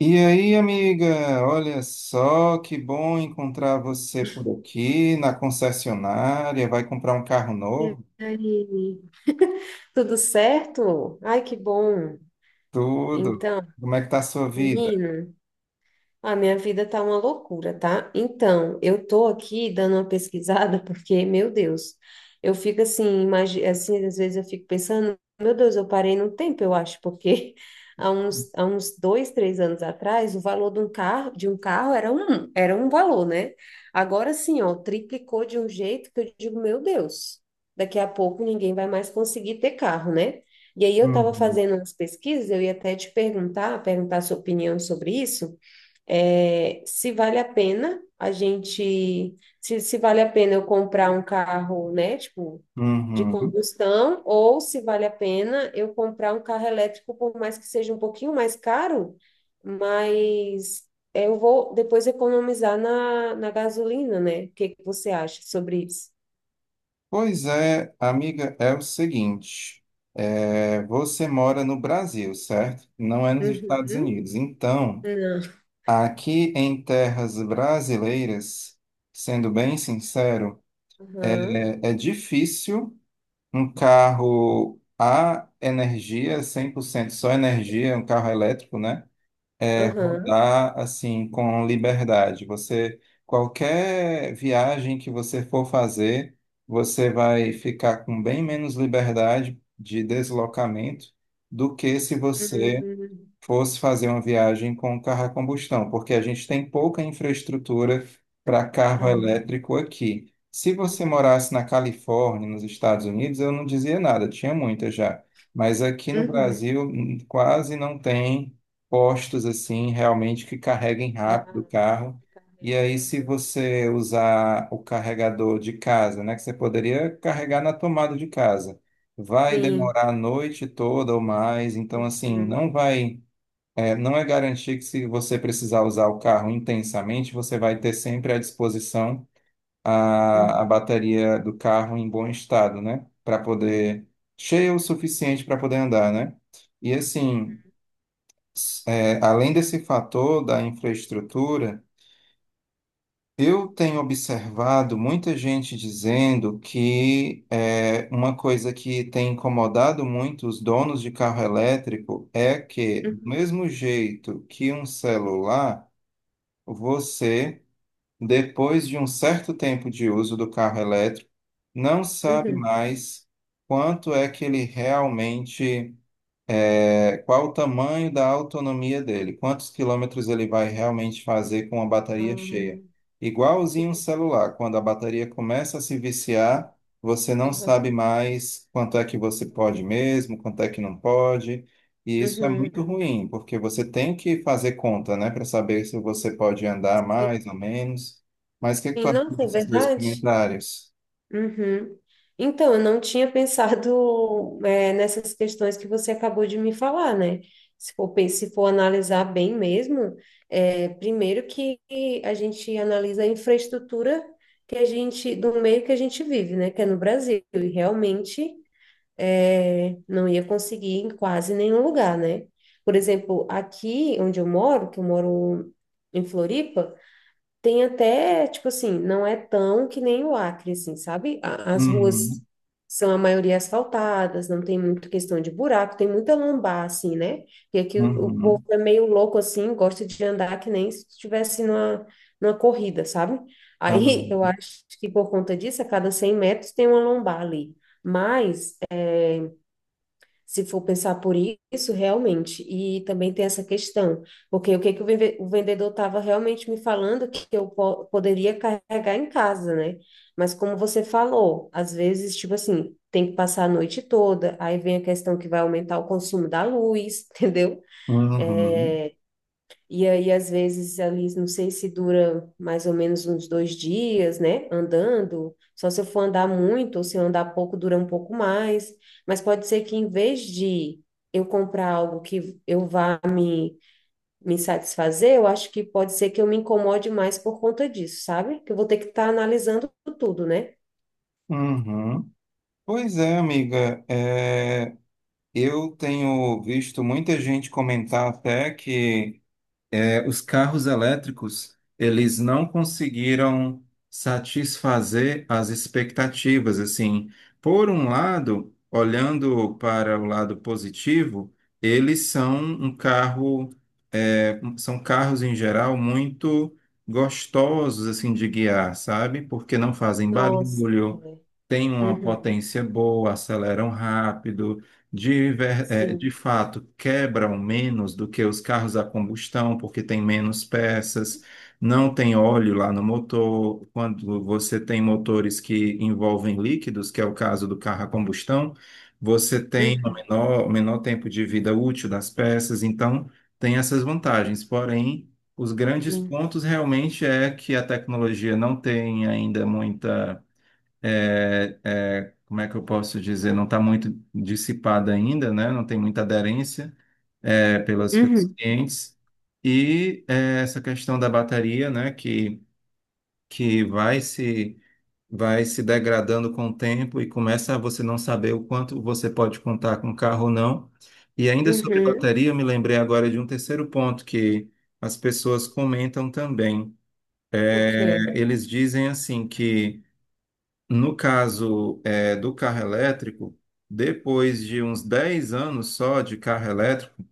E aí, amiga, olha só que bom encontrar você por aqui na concessionária. Vai comprar um carro E novo? aí, tudo certo? Ai, que bom. Tudo. Então, Como é que tá a sua vida? menina. A minha vida tá uma loucura, tá? Então, eu tô aqui dando uma pesquisada porque, meu Deus, eu fico assim, assim, às vezes eu fico pensando, meu Deus, eu parei no tempo, eu acho, porque há uns 2, 3 anos atrás, o valor de um carro, era um valor, né? Agora sim, ó, triplicou de um jeito que eu digo, meu Deus, daqui a pouco ninguém vai mais conseguir ter carro, né? E aí eu estava Uhum, fazendo umas pesquisas, eu ia até te perguntar sua opinião sobre isso é, se vale a pena a gente, se vale a pena eu comprar um carro, né, tipo, de uhum. combustão, ou se vale a pena eu comprar um carro elétrico, por mais que seja um pouquinho mais caro, mas eu vou depois economizar na gasolina, né? O que que você acha sobre isso? Pois é, amiga, é o seguinte: você mora no Brasil, certo? Não é nos Estados Uhum. Unidos. Então, Não. aqui em terras brasileiras, sendo bem sincero, Aham. É difícil. Um carro a energia, 100% só energia, um carro elétrico, né? É Aham. rodar assim com liberdade. Você, qualquer viagem que você for fazer, você vai ficar com bem menos liberdade de deslocamento do que se você Uhum. fosse fazer uma viagem com carro a combustão, porque a gente tem pouca infraestrutura para carro Ah. elétrico aqui. Se você Uhum. morasse na Califórnia, nos Estados Unidos, eu não dizia nada, tinha muita já. Mas aqui no Uhum. Brasil quase não tem postos assim realmente que carreguem Pra rápido o carro. que E carregue. aí, se Aham. você usar o carregador de casa, né, que você poderia carregar na tomada de casa, vai Sim. demorar a noite toda ou mais. Então, assim, Uhum, não vai não é garantir que se você precisar usar o carro intensamente, você vai ter sempre à disposição a uhum, bateria do carro em bom estado, né? Para poder, cheia o suficiente para poder andar, né? E assim, além desse fator da infraestrutura, eu tenho observado muita gente dizendo que uma coisa que tem incomodado muito os donos de carro elétrico é que, do uhum, mesmo jeito que um celular. Você, depois de um certo tempo de uso do carro elétrico, não sabe uhum. mais quanto é que ele realmente qual o tamanho da autonomia dele? Quantos quilômetros ele vai realmente fazer com a bateria cheia? Hum, Igualzinho um entendi. celular, quando a bateria começa a se viciar, você não sabe Uhum. mais quanto é que você Tudo que pode faz. mesmo, quanto é que não pode. E isso é Uhum. muito ruim, porque você tem que fazer conta, né, para saber se você pode andar mais ou menos. Mas o que é que E tu acha não, é desses dois verdade? comentários? Uhum. Então, eu não tinha pensado, é, nessas questões que você acabou de me falar, né? Se for analisar bem mesmo, é, primeiro que a gente analisa a infraestrutura que a gente, do meio que a gente vive, né? Que é no Brasil. E realmente, é, não ia conseguir em quase nenhum lugar, né? Por exemplo, aqui onde eu moro, que eu moro em Floripa, tem até, tipo assim, não é tão que nem o Acre, assim, sabe? As ruas Uhum, são a maioria asfaltadas, não tem muita questão de buraco, tem muita lombar, assim, né? E aqui o povo uhum, é meio louco, assim, gosta de andar que nem se estivesse numa corrida, sabe? Aí eu ah, acho que por conta disso, a cada 100 metros tem uma lombar ali. Mas se for pensar por isso, realmente. E também tem essa questão, porque o que que o vendedor estava realmente me falando que eu poderia carregar em casa, né? Mas como você falou, às vezes, tipo assim, tem que passar a noite toda, aí vem a questão que vai aumentar o consumo da luz, entendeu? uhum, É, e aí, às vezes, ali, não sei se dura mais ou menos uns 2 dias, né? Andando. Só se eu for andar muito ou se eu andar pouco, dura um pouco mais. Mas pode ser que, em vez de eu comprar algo que eu vá me satisfazer, eu acho que pode ser que eu me incomode mais por conta disso, sabe? Que eu vou ter que estar analisando tudo, né? uhum. Pois é, amiga. Eu tenho visto muita gente comentar até que os carros elétricos, eles não conseguiram satisfazer as expectativas, assim. Por um lado, olhando para o lado positivo, eles são um carro, são carros em geral muito gostosos, assim, de guiar, sabe? Porque não fazem Nossa, barulho, é. têm uma Uhum. potência boa, aceleram rápido, de Sim. fato quebram menos do que os carros a combustão, porque tem menos peças, não tem óleo lá no motor. Quando você tem motores que envolvem líquidos, que é o caso do carro a combustão, você tem Uhum. O menor tempo de vida útil das peças, então tem essas vantagens. Porém, os grandes pontos realmente é que a tecnologia não tem ainda muita como é que eu posso dizer, não está muito dissipada ainda, né? Não tem muita aderência pelos Uhum. clientes. E essa questão da bateria, né? Que vai se degradando com o tempo e começa a você não saber o quanto você pode contar com o carro ou não. E ainda sobre Uhum. bateria, eu me lembrei agora de um terceiro ponto que as pessoas comentam também. Ok. É, eles dizem assim que no caso, do carro elétrico, depois de uns 10 anos só de carro elétrico,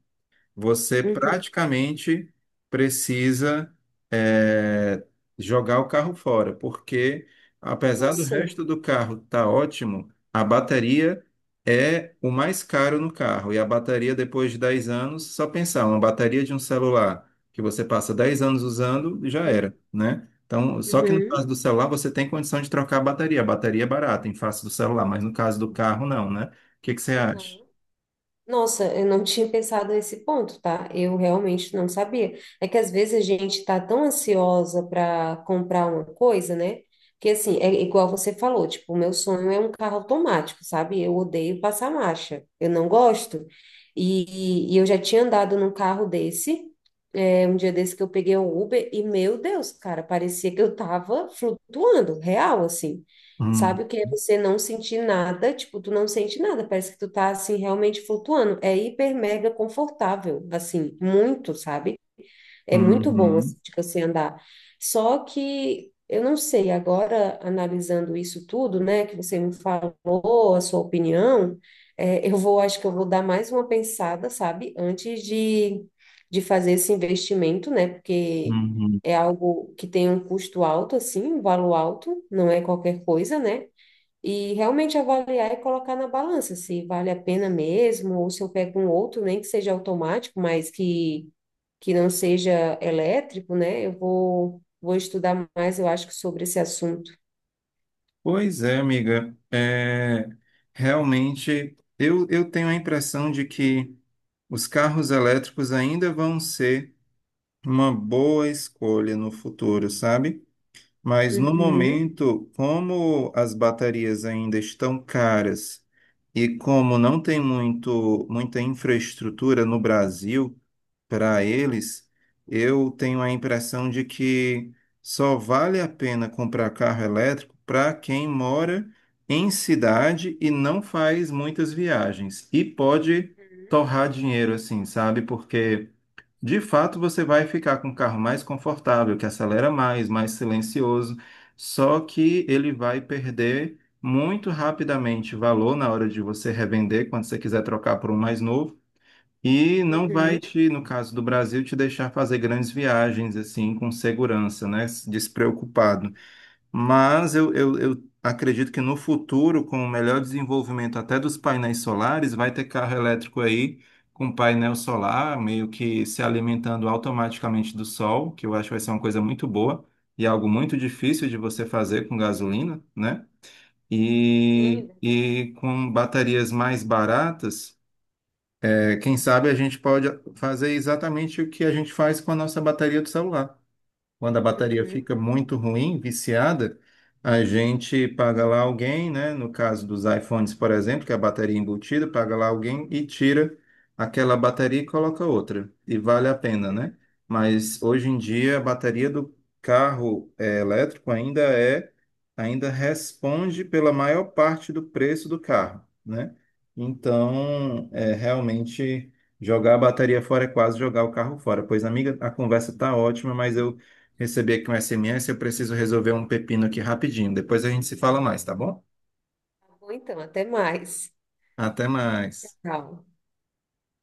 você Uhum. praticamente precisa é, jogar o carro fora, porque apesar do Nossa. resto do carro estar ótimo, a bateria é o mais caro no carro. E a bateria, depois de 10 anos, só pensar, uma bateria de um celular que você passa dez anos usando, já era, né? Então, só que no caso Uhum. do celular, você tem condição de trocar a bateria. A bateria é barata em face do celular, mas no caso do carro, não, né? O que que você acha? Uhum. Nossa, eu não tinha pensado nesse ponto, tá? Eu realmente não sabia. É que às vezes a gente tá tão ansiosa para comprar uma coisa, né? Que assim, é igual você falou, tipo, o meu sonho é um carro automático, sabe? Eu odeio passar marcha, eu não gosto. E eu já tinha andado num carro desse, é, um dia desse que eu peguei um Uber e, meu Deus, cara, parecia que eu tava flutuando, real, assim. Hum, Sabe o que é você não sentir nada? Tipo, tu não sente nada, parece que tu tá, assim, realmente flutuando. É hiper mega confortável, assim, muito, sabe? É muito bom, uhum, assim, de você andar. Só que eu não sei, agora analisando isso tudo, né, que você me falou, a sua opinião, é, acho que eu vou dar mais uma pensada, sabe, antes de fazer esse investimento, né, porque uhum. é algo que tem um custo alto, assim, um valor alto, não é qualquer coisa, né? E realmente avaliar e colocar na balança se vale a pena mesmo, ou se eu pego um outro, nem que seja automático, mas que não seja elétrico, né? Eu vou estudar mais, eu acho, que sobre esse assunto. Pois é, amiga. É, realmente, eu tenho a impressão de que os carros elétricos ainda vão ser uma boa escolha no futuro, sabe? Mas no Uhum, momento, como as baterias ainda estão caras e como não tem muito, muita infraestrutura no Brasil para eles, eu tenho a impressão de que só vale a pena comprar carro elétrico para quem mora em cidade e não faz muitas viagens e pode uhum, torrar dinheiro assim, sabe? Porque de fato, você vai ficar com um carro mais confortável, que acelera mais, mais silencioso, só que ele vai perder muito rapidamente valor na hora de você revender, quando você quiser trocar por um mais novo, e não vai uhum. te, no caso do Brasil, te deixar fazer grandes viagens assim com segurança, né? Despreocupado. Mas eu acredito que no futuro, com o melhor desenvolvimento até dos painéis solares, vai ter carro elétrico aí com painel solar, meio que se alimentando automaticamente do sol, que eu acho que vai ser uma coisa muito boa e algo muito difícil de você fazer com gasolina, né? Sim, E, né? e com baterias mais baratas, quem sabe a gente pode fazer exatamente o que a gente faz com a nossa bateria do celular. Quando a bateria Uhum. fica muito ruim, viciada, a gente paga lá alguém, né? No caso dos iPhones, por exemplo, que é a bateria embutida, paga lá alguém e tira aquela bateria e coloca outra. E vale a pena, né? Mas hoje em dia a bateria do carro elétrico ainda é, ainda responde pela maior parte do preço do carro, né? Então, é realmente jogar a bateria fora é quase jogar o carro fora. Pois, amiga, a conversa tá ótima, mas eu recebi aqui um SMS, eu preciso resolver um pepino aqui rapidinho. Depois a gente se fala mais, tá bom? Tá bom, então, até mais. Até mais. Tchau.